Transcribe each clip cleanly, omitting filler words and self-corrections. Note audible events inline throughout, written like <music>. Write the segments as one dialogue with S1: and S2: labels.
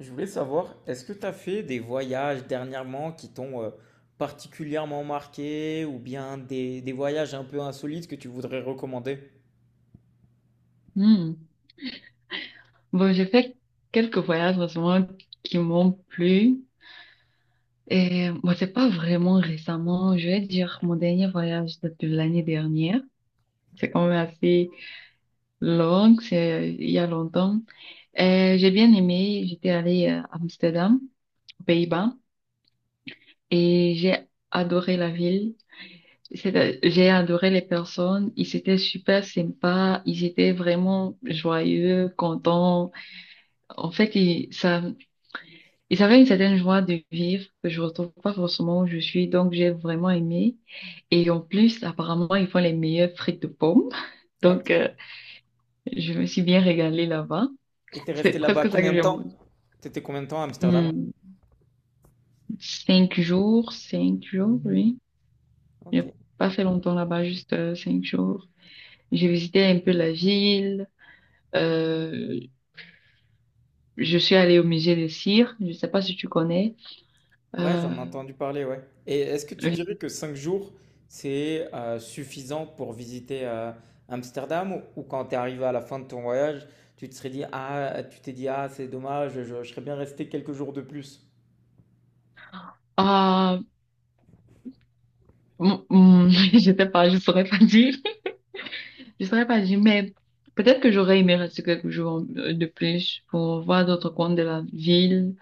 S1: Je voulais savoir, est-ce que tu as fait des voyages dernièrement qui t'ont particulièrement marqué ou bien des voyages un peu insolites que tu voudrais recommander?
S2: Hmm. Bon, j'ai fait quelques voyages récemment qui m'ont plu. Et moi c'est pas vraiment récemment. Je vais dire mon dernier voyage date de l'année dernière. C'est quand même assez long, c'est il y a longtemps. Et j'ai bien aimé. J'étais allée à Amsterdam, aux Pays-Bas, et j'ai adoré la ville. J'ai adoré les personnes. Ils étaient super sympas. Ils étaient vraiment joyeux, contents. En fait, et ça fait une certaine joie de vivre que je retrouve pas forcément où je suis. Donc, j'ai vraiment aimé. Et en plus, apparemment, ils font les meilleures frites de pommes. <laughs>
S1: Ok.
S2: Donc, je me suis bien régalée là-bas.
S1: Et t'es
S2: C'est
S1: resté là-bas
S2: presque ça
S1: combien
S2: que
S1: de
S2: j'ai
S1: temps?
S2: mangé.
S1: T'étais combien de temps à Amsterdam?
S2: Hmm, cinq jours, oui.
S1: Ok.
S2: J'ai pas fait longtemps là-bas, juste cinq jours. J'ai visité un peu la ville. Euh, je suis allée au musée de cire. Je sais pas si tu connais.
S1: Ouais,
S2: Euh,
S1: j'en ai entendu parler, ouais. Et est-ce que tu dirais que 5 jours, c'est suffisant pour visiter Amsterdam ou quand t'es arrivé à la fin de ton voyage, tu te serais dit, ah, tu t'es dit, ah, c'est dommage, je serais bien resté quelques jours de plus?
S2: ah, mm, mm, <laughs> je sais pas, je saurais pas dire. Je saurais pas dire, mais peut-être que j'aurais aimé rester quelques jours de plus pour voir d'autres coins de la ville.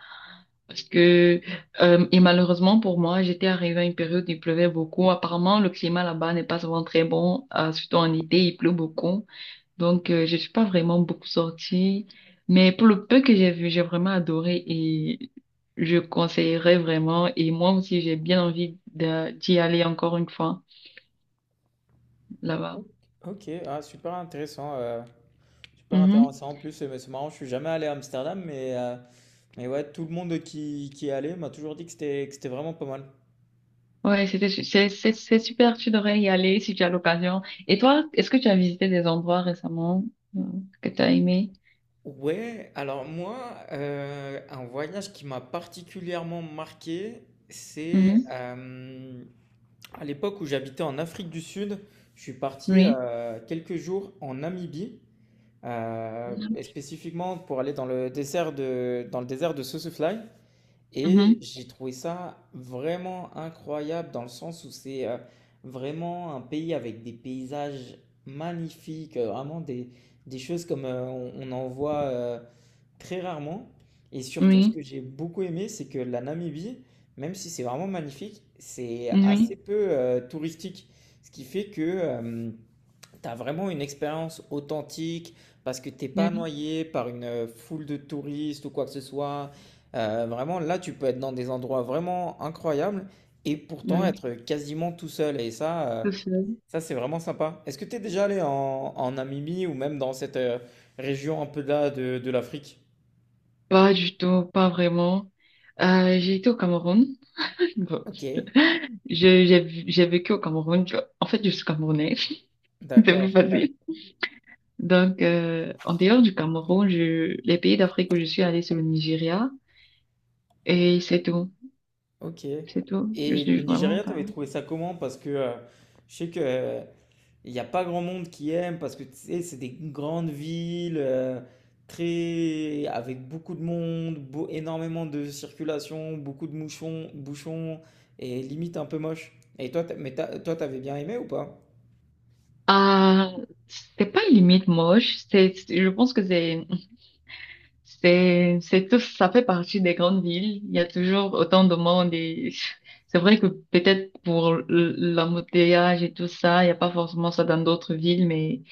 S2: Parce que, et malheureusement pour moi, j'étais arrivée à une période où il pleuvait beaucoup. Apparemment, le climat là-bas n'est pas souvent très bon, surtout en été, il pleut beaucoup. Donc, je suis pas vraiment beaucoup sortie. Mais pour le peu que j'ai vu, j'ai vraiment adoré et je conseillerais vraiment. Et moi aussi, j'ai bien envie d'y aller encore une fois là-bas.
S1: Ok, ok. Ah, super intéressant. Super
S2: Mm-hmm.
S1: intéressant. En plus, c'est marrant, je suis jamais allé à Amsterdam, mais ouais, tout le monde qui est allé m'a toujours dit que c'était vraiment pas mal.
S2: Ouais, c'était, su- c'est super, tu devrais y aller si tu as l'occasion. Et toi, est-ce que tu as visité des endroits récemment euh, que tu as aimé?
S1: Ouais, alors moi, un voyage qui m'a particulièrement marqué, c'est
S2: Mhm.
S1: à l'époque où j'habitais en Afrique du Sud, je suis parti
S2: Oui.
S1: quelques jours en Namibie, et spécifiquement pour aller dans le désert de Sossusvlei. Et
S2: Mhm.
S1: j'ai trouvé ça vraiment incroyable dans le sens où c'est vraiment un pays avec des paysages magnifiques, vraiment des choses comme on en voit très rarement. Et surtout, ce
S2: Oui.
S1: que j'ai beaucoup aimé, c'est que la Namibie, même si c'est vraiment magnifique, c'est
S2: Oui.
S1: assez peu touristique. Ce qui fait que T'as vraiment une expérience authentique parce que t'es pas
S2: Oui.
S1: noyé par une foule de touristes ou quoi que ce soit. Vraiment, là, tu peux être dans des endroits vraiment incroyables et pourtant
S2: Oui.
S1: être quasiment tout seul.
S2: Tout seul.
S1: Ça c'est vraiment sympa. Est-ce que t'es déjà allé en Namibie ou même dans cette région un peu là de l'Afrique?
S2: Pas du tout, pas vraiment. J'ai été au Cameroun. <laughs> Bon,
S1: Ok,
S2: j'ai vécu au Cameroun, tu vois. En fait, je suis camerounaise. <laughs> C'est plus
S1: d'accord.
S2: facile. Donc, en dehors du Cameroun, les pays d'Afrique où je suis allée, c'est le Nigeria. Et c'est tout.
S1: Ok.
S2: C'est tout. Je
S1: Et le
S2: suis vraiment.
S1: Nigeria, t'avais trouvé ça comment? Parce que je sais que il n'y a pas grand monde qui aime parce que tu sais, c'est des grandes villes très avec beaucoup de monde, énormément de circulation, beaucoup de bouchons et limite un peu moche. Et toi, toi, t'avais bien aimé ou pas?
S2: Ah, c'est pas une limite moche, je pense que c'est tout, ça fait partie des grandes villes. Il y a toujours autant de monde et <laughs> c'est vrai que peut-être pour l'embouteillage et tout ça, il n'y a pas forcément ça dans d'autres villes, mais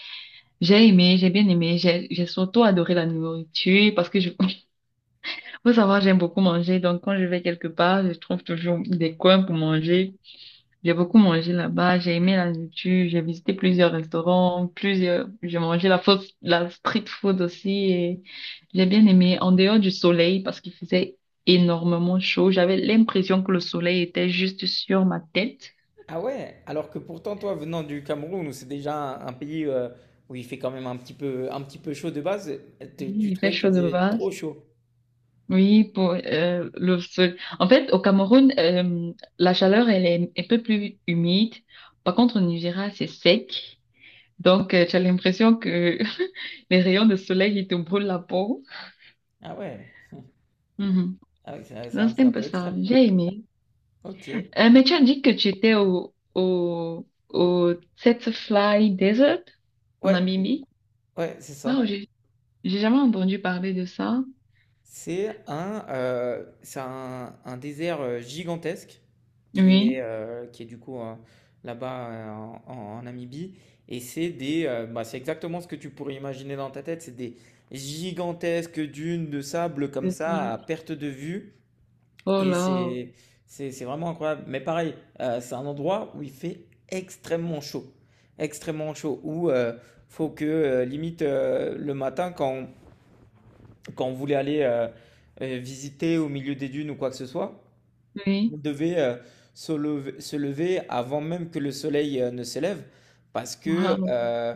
S2: j'ai aimé, j'ai bien aimé, j'ai surtout adoré la nourriture parce que <laughs> faut savoir, j'aime beaucoup manger, donc quand je vais quelque part, je trouve toujours des coins pour manger. J'ai beaucoup mangé là-bas, j'ai aimé la nourriture, j'ai visité plusieurs restaurants, plusieurs, j'ai mangé la fausse, la street food aussi et j'ai bien aimé en dehors du soleil parce qu'il faisait énormément chaud. J'avais l'impression que le soleil était juste sur ma tête.
S1: Ah ouais, alors que pourtant toi venant du Cameroun où c'est déjà un pays où il fait quand même un petit peu chaud de base,
S2: Oui,
S1: tu
S2: il fait
S1: trouvais
S2: chaud
S1: qu'il
S2: de
S1: faisait
S2: base.
S1: trop chaud.
S2: Oui, pour le sol. En fait, au Cameroun, la chaleur, elle est un peu plus humide. Par contre, au Nigeria, c'est sec. Donc, tu as l'impression que <laughs> les rayons de soleil, ils te brûlent la peau.
S1: Ah ouais.
S2: Mhm.
S1: Ah oui,
S2: Non, c'était
S1: c'est
S2: un
S1: un
S2: peu
S1: peu
S2: ça.
S1: extrême.
S2: J'ai aimé.
S1: Ok.
S2: Mais tu as dit que tu étais au Fly Desert en
S1: Ouais,
S2: Namibie.
S1: ouais, c'est
S2: Waouh,
S1: ça.
S2: j'ai jamais entendu parler de ça.
S1: C'est un désert gigantesque
S2: Oui,
S1: qui est du coup là-bas en Namibie. Et c'est bah, c'est exactement ce que tu pourrais imaginer dans ta tête. C'est des gigantesques dunes de sable comme
S2: c'est ça.
S1: ça à perte de vue.
S2: Oh
S1: Et
S2: là,
S1: c'est vraiment incroyable. Mais pareil, c'est un endroit où il fait extrêmement chaud. Extrêmement chaud. Où faut que, limite, le matin, quand on voulait aller visiter au milieu des dunes ou quoi que ce soit,
S2: oui.
S1: on devait se lever avant même que le soleil ne se lève. Parce que
S2: Waouh,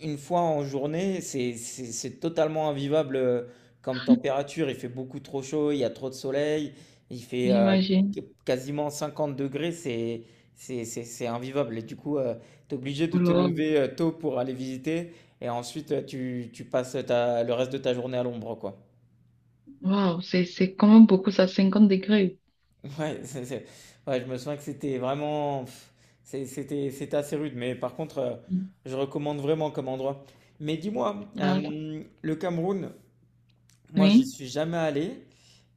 S1: une fois en journée, c'est totalement invivable comme température. Il fait beaucoup trop chaud, il y a trop de soleil, il fait
S2: j'imagine.
S1: quasiment 50 degrés, c'est invivable. Et du coup, tu es obligé de
S2: Oh
S1: te
S2: là.
S1: lever tôt pour aller visiter et ensuite tu passes le reste de ta journée à l'ombre, quoi.
S2: Waouh, c'est quand même beaucoup ça, 50 degrés.
S1: <laughs> Ouais, ouais, je me souviens que c'était vraiment... pff, c'était assez rude, mais par contre,
S2: Mm.
S1: je recommande vraiment comme endroit. Mais dis-moi,
S2: Ah,
S1: le Cameroun... Moi, j'y
S2: oui.
S1: suis jamais allé.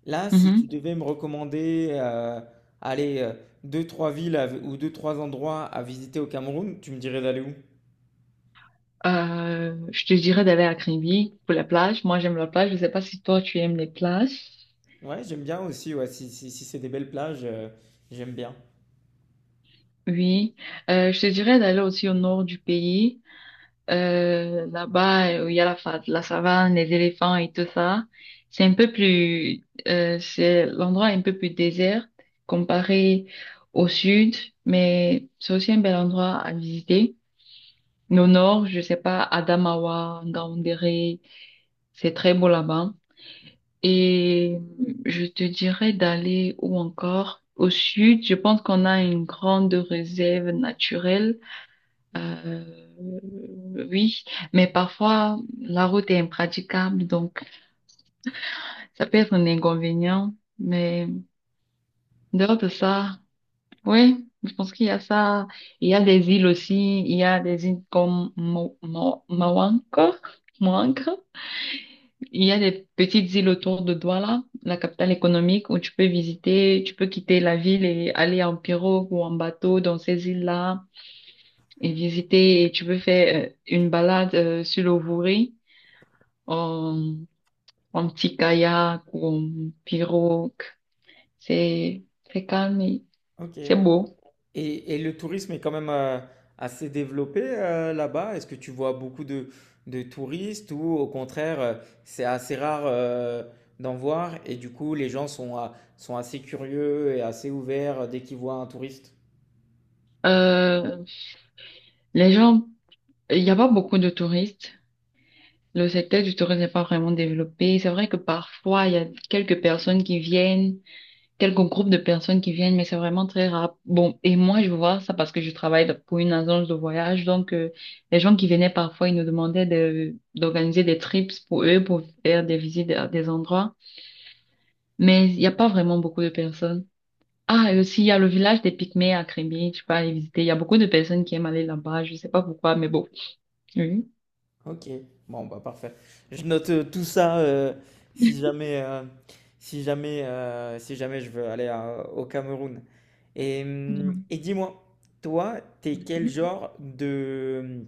S1: Là, si tu
S2: Mhm.
S1: devais me recommander, allez, deux, trois villes, ou deux, trois endroits à visiter au Cameroun, tu me dirais d'aller où?
S2: Je te dirais d'aller à Kribi pour la plage. Moi, j'aime la plage. Je sais pas si toi, tu aimes les plages.
S1: Ouais, j'aime bien aussi, ouais, si c'est des belles plages, j'aime bien.
S2: Oui, je te dirais d'aller aussi au nord du pays. Là-bas, il y a la savane, les éléphants et tout ça. C'est l'endroit est un peu plus désert comparé au sud, mais c'est aussi un bel endroit à visiter. Mais au nord, je sais pas, Adamawa, Ngaoundéré, c'est très beau là-bas. Et je te dirais d'aller ou encore? Au sud, je pense qu'on a une grande réserve naturelle euh, oui, mais parfois la route est impraticable, donc ça peut être un inconvénient. Mais dehors de ça, oui, je pense qu'il y a ça. Il y a des îles aussi. Il y a des îles comme Moanca. Moanca. Il y a des petites îles autour de Douala, la capitale économique, où tu peux visiter, tu peux quitter la ville et aller en pirogue ou en bateau dans ces îles-là et visiter. Et tu peux faire une balade sur le Wouri en, en petit kayak ou en pirogue. C'est très calme et
S1: Ok.
S2: c'est beau.
S1: Et le tourisme est quand même assez développé là-bas. Est-ce que tu vois beaucoup de touristes ou au contraire, c'est assez rare d'en voir et du coup, les gens sont, sont assez curieux et assez ouverts dès qu'ils voient un touriste?
S2: Euh, les gens, il n'y a pas beaucoup de touristes. Le secteur du tourisme n'est pas vraiment développé. C'est vrai que parfois, il y a quelques personnes qui viennent, quelques groupes de personnes qui viennent, mais c'est vraiment très rare. Bon, et moi, je vois ça parce que je travaille pour une agence de voyage. Donc, les gens qui venaient parfois, ils nous demandaient d'organiser des trips pour eux, pour faire des visites à des endroits. Mais il n'y a pas vraiment beaucoup de personnes. Ah, et aussi, il y a le village des Pygmées à Crimée, tu peux aller visiter. Il y a beaucoup de personnes qui aiment aller là-bas, je sais pas pourquoi, mais bon. Oui.
S1: Ok, bon bah parfait. Je note tout ça si jamais, euh, si jamais je veux aller au Cameroun. Et dis-moi, toi, t'es quel
S2: Mhm.
S1: genre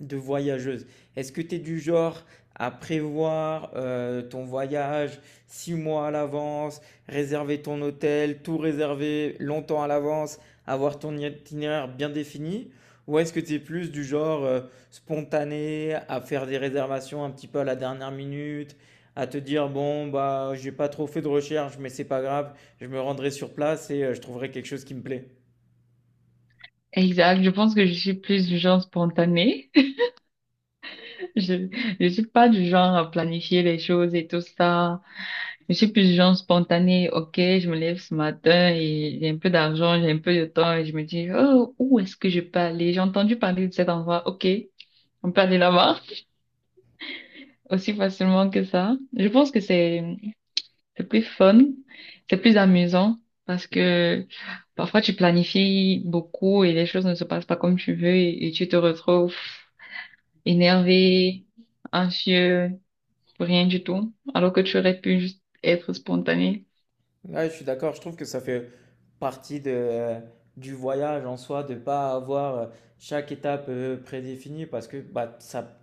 S1: de voyageuse. Est-ce que tu es du genre à prévoir ton voyage 6 mois à l'avance, réserver ton hôtel, tout réserver longtemps à l'avance, avoir ton itinéraire bien défini? Ou est-ce que tu es plus du genre spontané à faire des réservations un petit peu à la dernière minute, à te dire bon bah j'ai pas trop fait de recherche mais c'est pas grave, je me rendrai sur place et je trouverai quelque chose qui me plaît.
S2: Exact, je pense que je suis plus du genre spontané. <laughs> Je, je suis pas du genre à planifier les choses et tout ça. Je suis plus du genre spontané. Ok, je me lève ce matin et j'ai un peu d'argent, j'ai un peu de temps et je me dis, oh, où est-ce que je peux aller? J'ai entendu parler de cet endroit. Ok, on peut aller là-bas aussi facilement que ça. Je pense que c'est plus fun, c'est plus amusant parce que parfois tu planifies beaucoup et les choses ne se passent pas comme tu veux et tu te retrouves énervé, anxieux, pour rien du tout, alors que tu aurais pu juste être spontané.
S1: Ouais, je suis d'accord, je trouve que ça fait partie de du voyage en soi, de pas avoir chaque étape prédéfinie parce que bah, ça,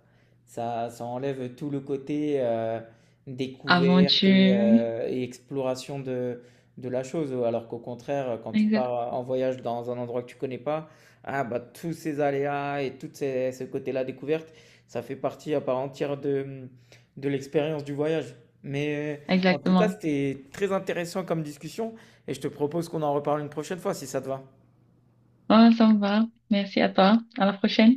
S1: ça, ça enlève tout le côté découverte
S2: Aventure.
S1: et exploration de la chose. Alors qu'au contraire, quand tu
S2: Exact.
S1: pars en voyage dans un endroit que tu connais pas, ah, bah, tous ces aléas et ce côté-là découverte, ça fait partie à part entière de l'expérience du voyage. Mais en tout cas,
S2: Exactement.
S1: c'était très intéressant comme discussion. Et je te propose qu'on en reparle une prochaine fois si ça te va.
S2: Ah, ça me va. Merci à toi. À la prochaine.